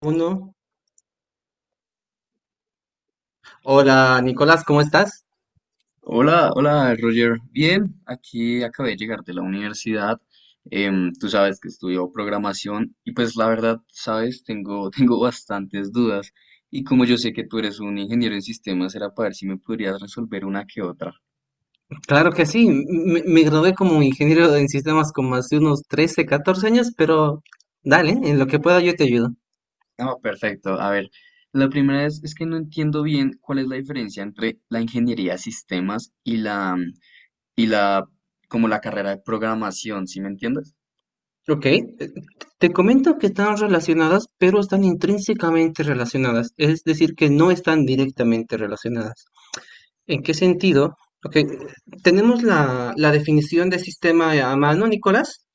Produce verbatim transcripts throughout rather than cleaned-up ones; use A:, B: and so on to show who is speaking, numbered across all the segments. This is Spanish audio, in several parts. A: Uno. Hola Nicolás, ¿cómo estás?
B: Hola, hola Roger. Bien, aquí acabé de llegar de la universidad. Em, tú sabes que estudio programación y pues la verdad, sabes, tengo, tengo bastantes dudas. Y como yo sé que tú eres un ingeniero en sistemas, era para ver si me podrías resolver una que otra.
A: Claro que sí, me, me gradué como ingeniero en sistemas como hace unos trece, catorce años, pero dale, en lo que pueda yo te ayudo.
B: Ah, perfecto. A ver, la primera es, es que no entiendo bien cuál es la diferencia entre la ingeniería de sistemas y la, y la, como la carrera de programación, ¿sí me entiendes?
A: Ok, eh, te comento que están relacionadas, pero están intrínsecamente relacionadas, es decir, que no están directamente relacionadas. ¿En qué sentido? Ok, eh, tenemos la, la definición de sistema a mano, Nicolás.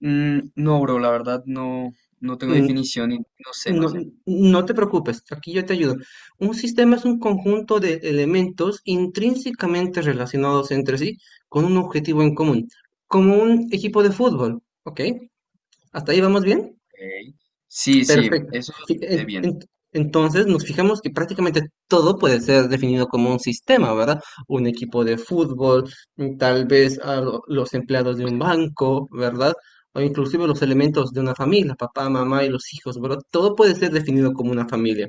B: Mm, no, bro, la verdad no, no tengo
A: Mm,
B: definición y no sé, no
A: No,
B: sé. Ok.
A: no te preocupes, aquí yo te ayudo. Un sistema es un conjunto de elementos intrínsecamente relacionados entre sí con un objetivo en común, como un equipo de fútbol, ¿ok? ¿Hasta ahí vamos bien?
B: Sí, sí,
A: Perfecto.
B: eso
A: Sí,
B: es
A: en-
B: bien.
A: en- Entonces nos fijamos que prácticamente todo puede ser definido como un sistema, ¿verdad? Un equipo de fútbol, mm, tal vez a lo- los empleados de un banco, ¿verdad? O inclusive los elementos de una familia, papá, mamá y los hijos, ¿verdad? Todo puede ser definido como una familia,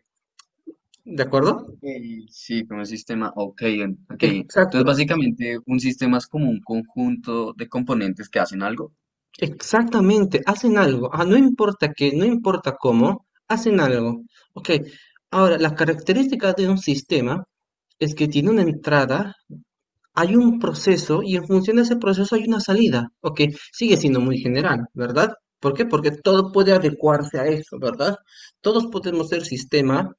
A: ¿de acuerdo?
B: Ok, sí, como un sistema, ok, en- ok.
A: Exacto,
B: Entonces, básicamente, un sistema es como un conjunto de componentes que hacen algo.
A: exactamente, hacen algo. Ah, no importa qué, no importa cómo, hacen algo. Ok, ahora, las características de un sistema es que tiene una entrada, hay un proceso y en función de ese proceso hay una salida, ok, sigue siendo muy general, ¿verdad? ¿Por qué? Porque todo puede adecuarse a eso, ¿verdad? Todos podemos ser sistema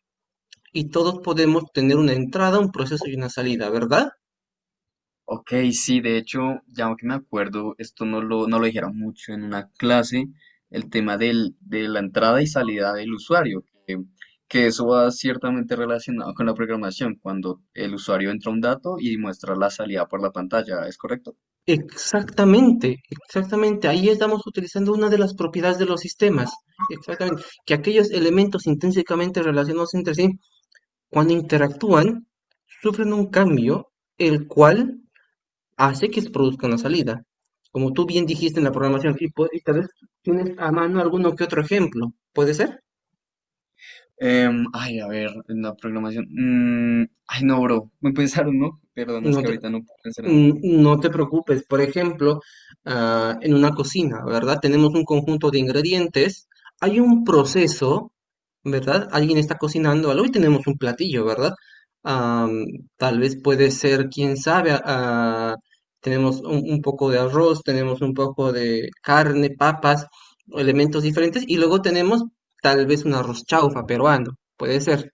A: y todos podemos tener una entrada, un proceso y una salida, ¿verdad?
B: Ok, sí, de hecho, ya que me acuerdo, esto no lo, no lo dijeron mucho en una clase, el tema del, de la entrada y salida del usuario, que, que eso va ciertamente relacionado con la programación, cuando el usuario entra a un dato y muestra la salida por la pantalla, ¿es correcto?
A: Exactamente, exactamente. Ahí estamos utilizando una de las propiedades de los sistemas. Exactamente. Que aquellos elementos intrínsecamente relacionados entre sí, cuando interactúan, sufren un cambio, el cual hace que se produzca una salida. Como tú bien dijiste en la programación, sí, pues, y tal vez tienes a mano alguno que otro ejemplo, ¿puede ser?
B: Em, ay, a ver, en la programación. Mm, ay, no, bro, me pensaron, ¿no? Perdón, es
A: No
B: que
A: te-
B: ahorita no puedo pensar en algo.
A: Mm, No te preocupes, por ejemplo, ah, en una cocina, ¿verdad? Tenemos un conjunto de ingredientes, hay un proceso, ¿verdad? Alguien está cocinando algo y tenemos un platillo, ¿verdad? Am, tal vez puede ser, quién sabe, ah, tenemos un, un poco de arroz, tenemos un poco de carne, papas, elementos diferentes, y luego tenemos tal vez un arroz chaufa peruano, puede ser.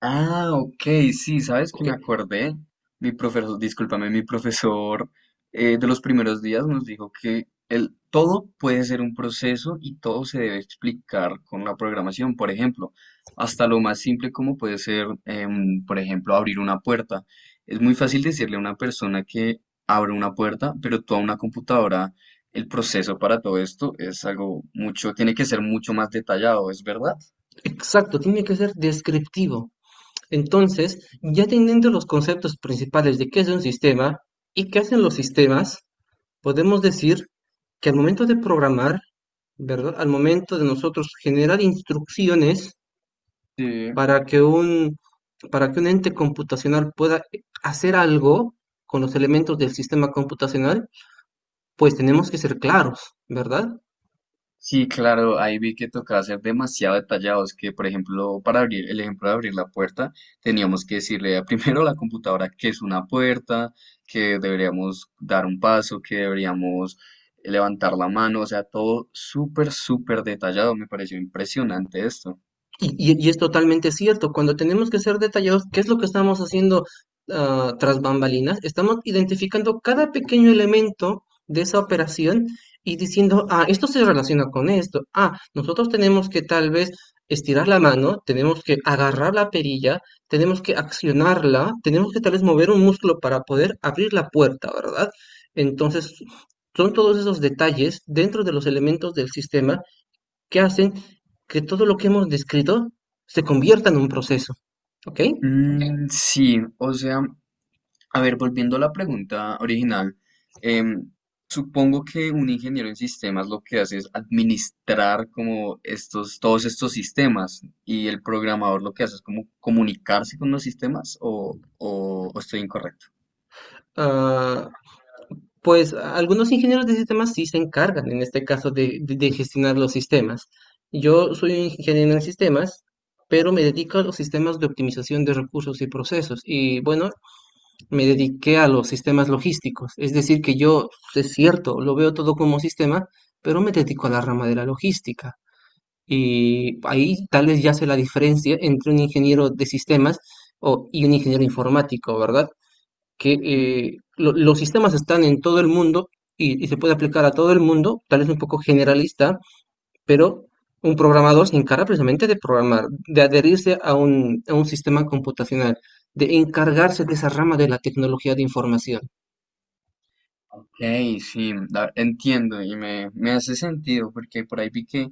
B: Ah, ok, sí, ¿sabes que
A: Ok,
B: me acordé? Mi profesor, discúlpame, mi profesor eh, de los primeros días nos dijo que el, todo puede ser un proceso y todo se debe explicar con la programación, por ejemplo, hasta lo más simple como puede ser, em, por ejemplo, abrir una puerta. Es muy fácil decirle a una persona que abre una puerta, pero tú a una computadora, el proceso para todo esto es algo mucho, tiene que ser mucho más detallado, ¿es verdad?
A: exacto, tiene que ser descriptivo. Entonces, ya teniendo los conceptos principales de qué es un sistema y qué hacen los sistemas, podemos decir que al momento de programar, ¿verdad? Al momento de nosotros generar instrucciones
B: Sí.
A: para que un, para que un ente computacional pueda hacer algo con los elementos del sistema computacional, pues tenemos que ser claros, ¿verdad?
B: Sí, claro, ahí vi que tocaba ser demasiado detallados, que por ejemplo, para abrir el ejemplo de abrir la puerta, teníamos que decirle a- primero a la computadora que es una puerta, que deberíamos dar un paso, que deberíamos levantar la mano, o sea, todo súper, súper detallado, me pareció impresionante esto.
A: Y, y- y es totalmente cierto, cuando tenemos que ser detallados, ¿qué es lo que estamos haciendo ah, tras bambalinas? Estamos identificando cada pequeño elemento de esa operación y diciendo, ah, esto se relaciona con esto, ah, nosotros tenemos que tal vez estirar la mano, tenemos que agarrar la perilla, tenemos que accionarla, tenemos que tal vez mover un músculo para poder abrir la puerta, ¿verdad? Entonces, son todos esos detalles dentro de los elementos del sistema que hacen que todo lo que hemos descrito se convierta en un proceso, ¿ok?
B: Mm, sí, o sea, a ver, volviendo a la pregunta original, em, supongo que un ingeniero en sistemas lo que hace es administrar como estos, todos estos sistemas y el programador lo que hace es como comunicarse con los sistemas o, o- o estoy incorrecto.
A: Ah, pues algunos ingenieros de sistemas sí se encargan, en este caso, de, de- de gestionar los sistemas. Yo soy un ingeniero en sistemas, pero me dedico a los sistemas de optimización de recursos y procesos. Y bueno, me dediqué a los sistemas logísticos. Es decir, que yo, es cierto, lo veo todo como sistema, pero me dedico a la rama de la logística. Y ahí tal vez ya se la diferencia entre un ingeniero de sistemas o- y un ingeniero informático, ¿verdad? Que
B: Mm,
A: eh, lo- los sistemas están en todo el mundo y, y se puede aplicar a todo el mundo, tal vez un poco generalista, pero un programador se encarga precisamente de programar, de adherirse a un, a un sistema computacional, de encargarse de esa rama de la tecnología de información.
B: ok, sí, la- entiendo y me, me hace sentido porque por ahí vi que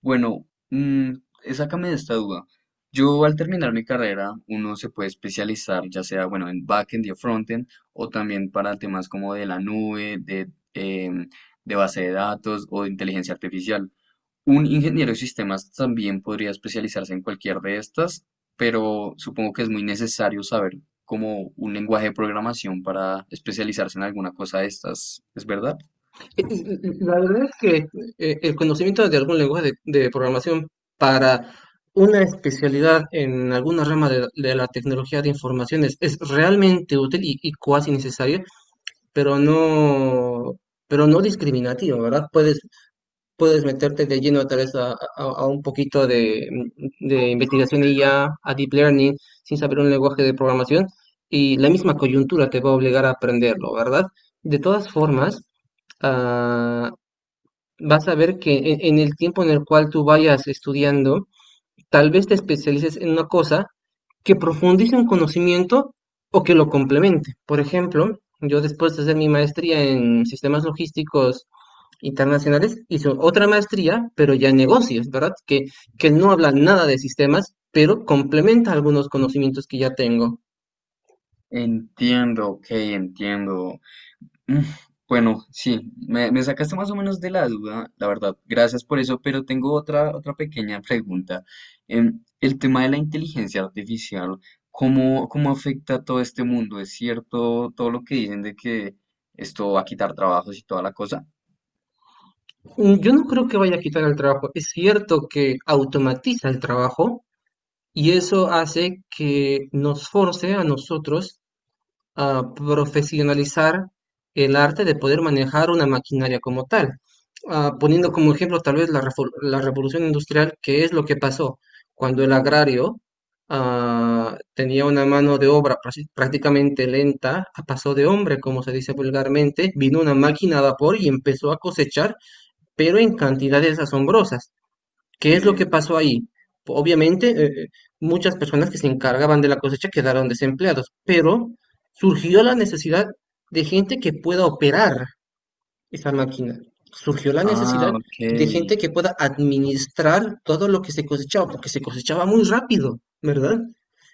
B: bueno, mm, sácame de esta duda. Yo al terminar mi carrera, uno se puede especializar, ya sea, bueno, en backend y frontend, o también para temas como de la nube, de, em, de base de datos o de inteligencia artificial. Un ingeniero de sistemas también podría especializarse en cualquier de estas, pero supongo que es muy necesario saber como un lenguaje de programación para especializarse en alguna cosa de estas. ¿Es verdad?
A: La verdad es que eh, el conocimiento de algún lenguaje de, de programación para una especialidad en alguna rama de, de la tecnología de informaciones es realmente útil y, y cuasi necesaria, pero no, pero no discriminativo, ¿verdad? Puedes, puedes meterte de lleno tal vez a, a- a un poquito de, de investigación I A, a a deep learning, sin saber un lenguaje de programación, y la misma coyuntura te va a obligar a aprenderlo, ¿verdad? De todas formas, ah, vas a ver que en, en el tiempo en el cual tú vayas estudiando, tal vez te especialices en una cosa que profundice un conocimiento o que lo complemente. Por ejemplo, yo después de hacer mi maestría en sistemas logísticos internacionales, hice otra maestría, pero ya en negocios, ¿verdad? Que, que no habla nada de sistemas, pero complementa algunos conocimientos que ya tengo.
B: Entiendo, ok, entiendo. Mm, bueno, sí, me, me sacaste más o menos de la duda, la verdad. Gracias por eso, pero tengo otra, otra pequeña pregunta. Em, el tema de la inteligencia artificial, ¿cómo, cómo afecta a todo este mundo? ¿Es cierto todo lo que dicen de que esto va a quitar trabajos y toda la cosa?
A: Mm, Yo no creo que vaya a quitar el trabajo. Es cierto que automatiza el trabajo, y eso hace que nos force a nosotros a profesionalizar el arte de poder manejar una maquinaria como tal. Ah, poniendo como ejemplo tal vez la, refor- la revolución industrial, que es lo que pasó cuando el agrario ah, tenía una mano de obra prasi- prácticamente lenta, a paso de hombre, como se dice vulgarmente, vino una máquina a vapor y empezó a cosechar, pero en cantidades asombrosas. ¿Qué es lo que
B: Sí.
A: pasó ahí? Obviamente, eh, eh, muchas personas que se encargaban de la cosecha quedaron desempleados, pero surgió la necesidad de gente que pueda operar esa máquina. Surgió la
B: Ah,
A: necesidad
B: ok.
A: de gente que pueda administrar todo lo que se cosechaba, porque se cosechaba muy rápido, ¿verdad?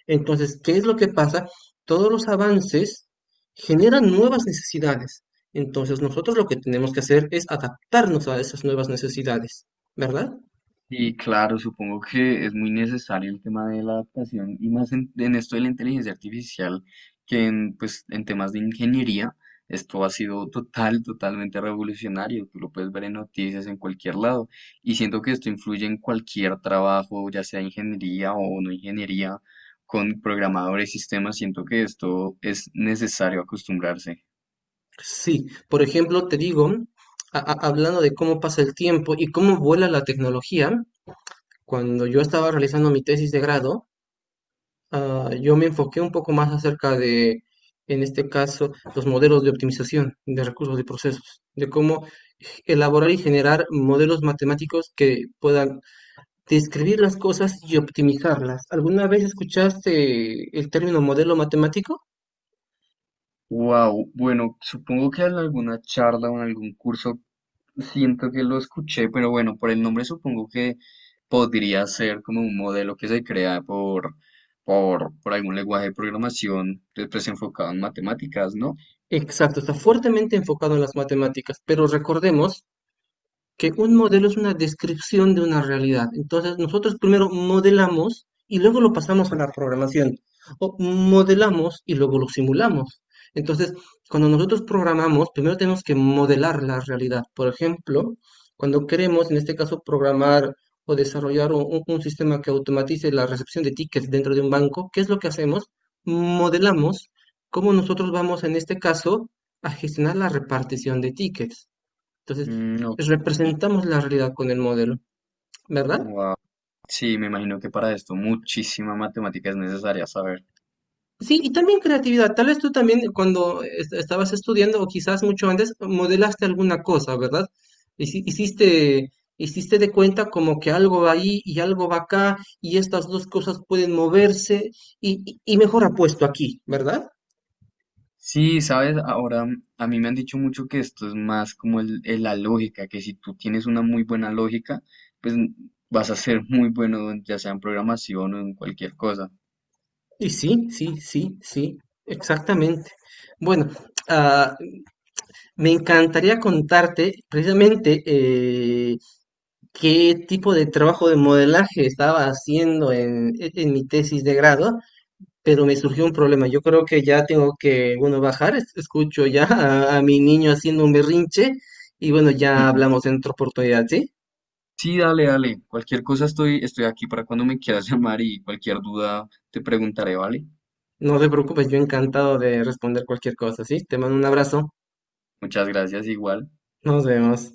A: Entonces, ¿qué es lo que pasa? Todos los avances generan nuevas necesidades. Entonces, nosotros lo que tenemos que hacer es adaptarnos a esas nuevas necesidades, ¿verdad?
B: Y claro, supongo que es muy necesario el tema de la adaptación y más en, en esto de la inteligencia artificial que en, pues, en temas de ingeniería, esto ha sido total, totalmente revolucionario. Tú lo puedes ver en noticias en cualquier lado y siento que esto influye en cualquier trabajo, ya sea ingeniería o no ingeniería, con programadores y sistemas. Siento que esto es necesario acostumbrarse.
A: Sí, por ejemplo, te digo, a- a- hablando de cómo pasa el tiempo y cómo vuela la tecnología, cuando yo estaba realizando mi tesis de grado, ah, yo me enfoqué un poco más acerca de, en este caso, los modelos de optimización de recursos y procesos, de cómo elaborar y generar modelos matemáticos que puedan describir las cosas y optimizarlas. ¿Alguna vez escuchaste el término modelo matemático?
B: Wow, bueno, supongo que en alguna charla o en algún curso siento que lo escuché, pero bueno, por el nombre supongo que podría ser como un modelo que se crea por, por, por algún lenguaje de programación después enfocado en matemáticas, ¿no?
A: Exacto, está fuertemente enfocado en las matemáticas, pero recordemos que un modelo es una descripción de una realidad. Entonces, nosotros primero modelamos y luego lo pasamos a la programación. O modelamos y luego lo simulamos. Entonces, cuando nosotros programamos, primero tenemos que modelar la realidad. Por ejemplo, cuando queremos, en este caso, programar o desarrollar un, un sistema que automatice la recepción de tickets dentro de un banco, ¿qué es lo que hacemos? Modelamos cómo nosotros vamos, en este caso, a gestionar la repartición de tickets. Entonces,
B: Mm, ok,
A: pues, representamos la realidad con el modelo, ¿verdad?
B: wow. Sí, me imagino que para esto muchísima matemática es necesaria saber.
A: Sí, y también creatividad. Tal vez tú también cuando est- estabas estudiando o quizás mucho antes modelaste alguna cosa, ¿verdad? Hici- Hiciste, hiciste de cuenta como que algo va ahí y algo va acá y estas dos cosas pueden moverse y, y- y mejor apuesto aquí, ¿verdad?
B: Sí, sabes, ahora a mí me han dicho mucho que esto es más como el, el- la lógica, que si tú tienes una muy buena lógica, pues vas a ser muy bueno, en- ya sea en programación o en cualquier cosa.
A: Y sí, sí, sí, sí, exactamente. Bueno, ah, me encantaría contarte precisamente eh, qué tipo de trabajo de modelaje estaba haciendo en, en mi tesis de grado, pero me surgió un problema. Yo creo que ya tengo que, bueno, bajar. Es- Escucho ya a, a mi niño haciendo un berrinche y bueno, ya hablamos en otra oportunidad, ¿sí?
B: Sí, dale, dale. Cualquier cosa estoy, estoy aquí para cuando me quieras llamar y cualquier duda te preguntaré, ¿vale?
A: No te preocupes, yo encantado de responder cualquier cosa, ¿sí? Te mando un abrazo.
B: Muchas gracias, igual.
A: Nos vemos.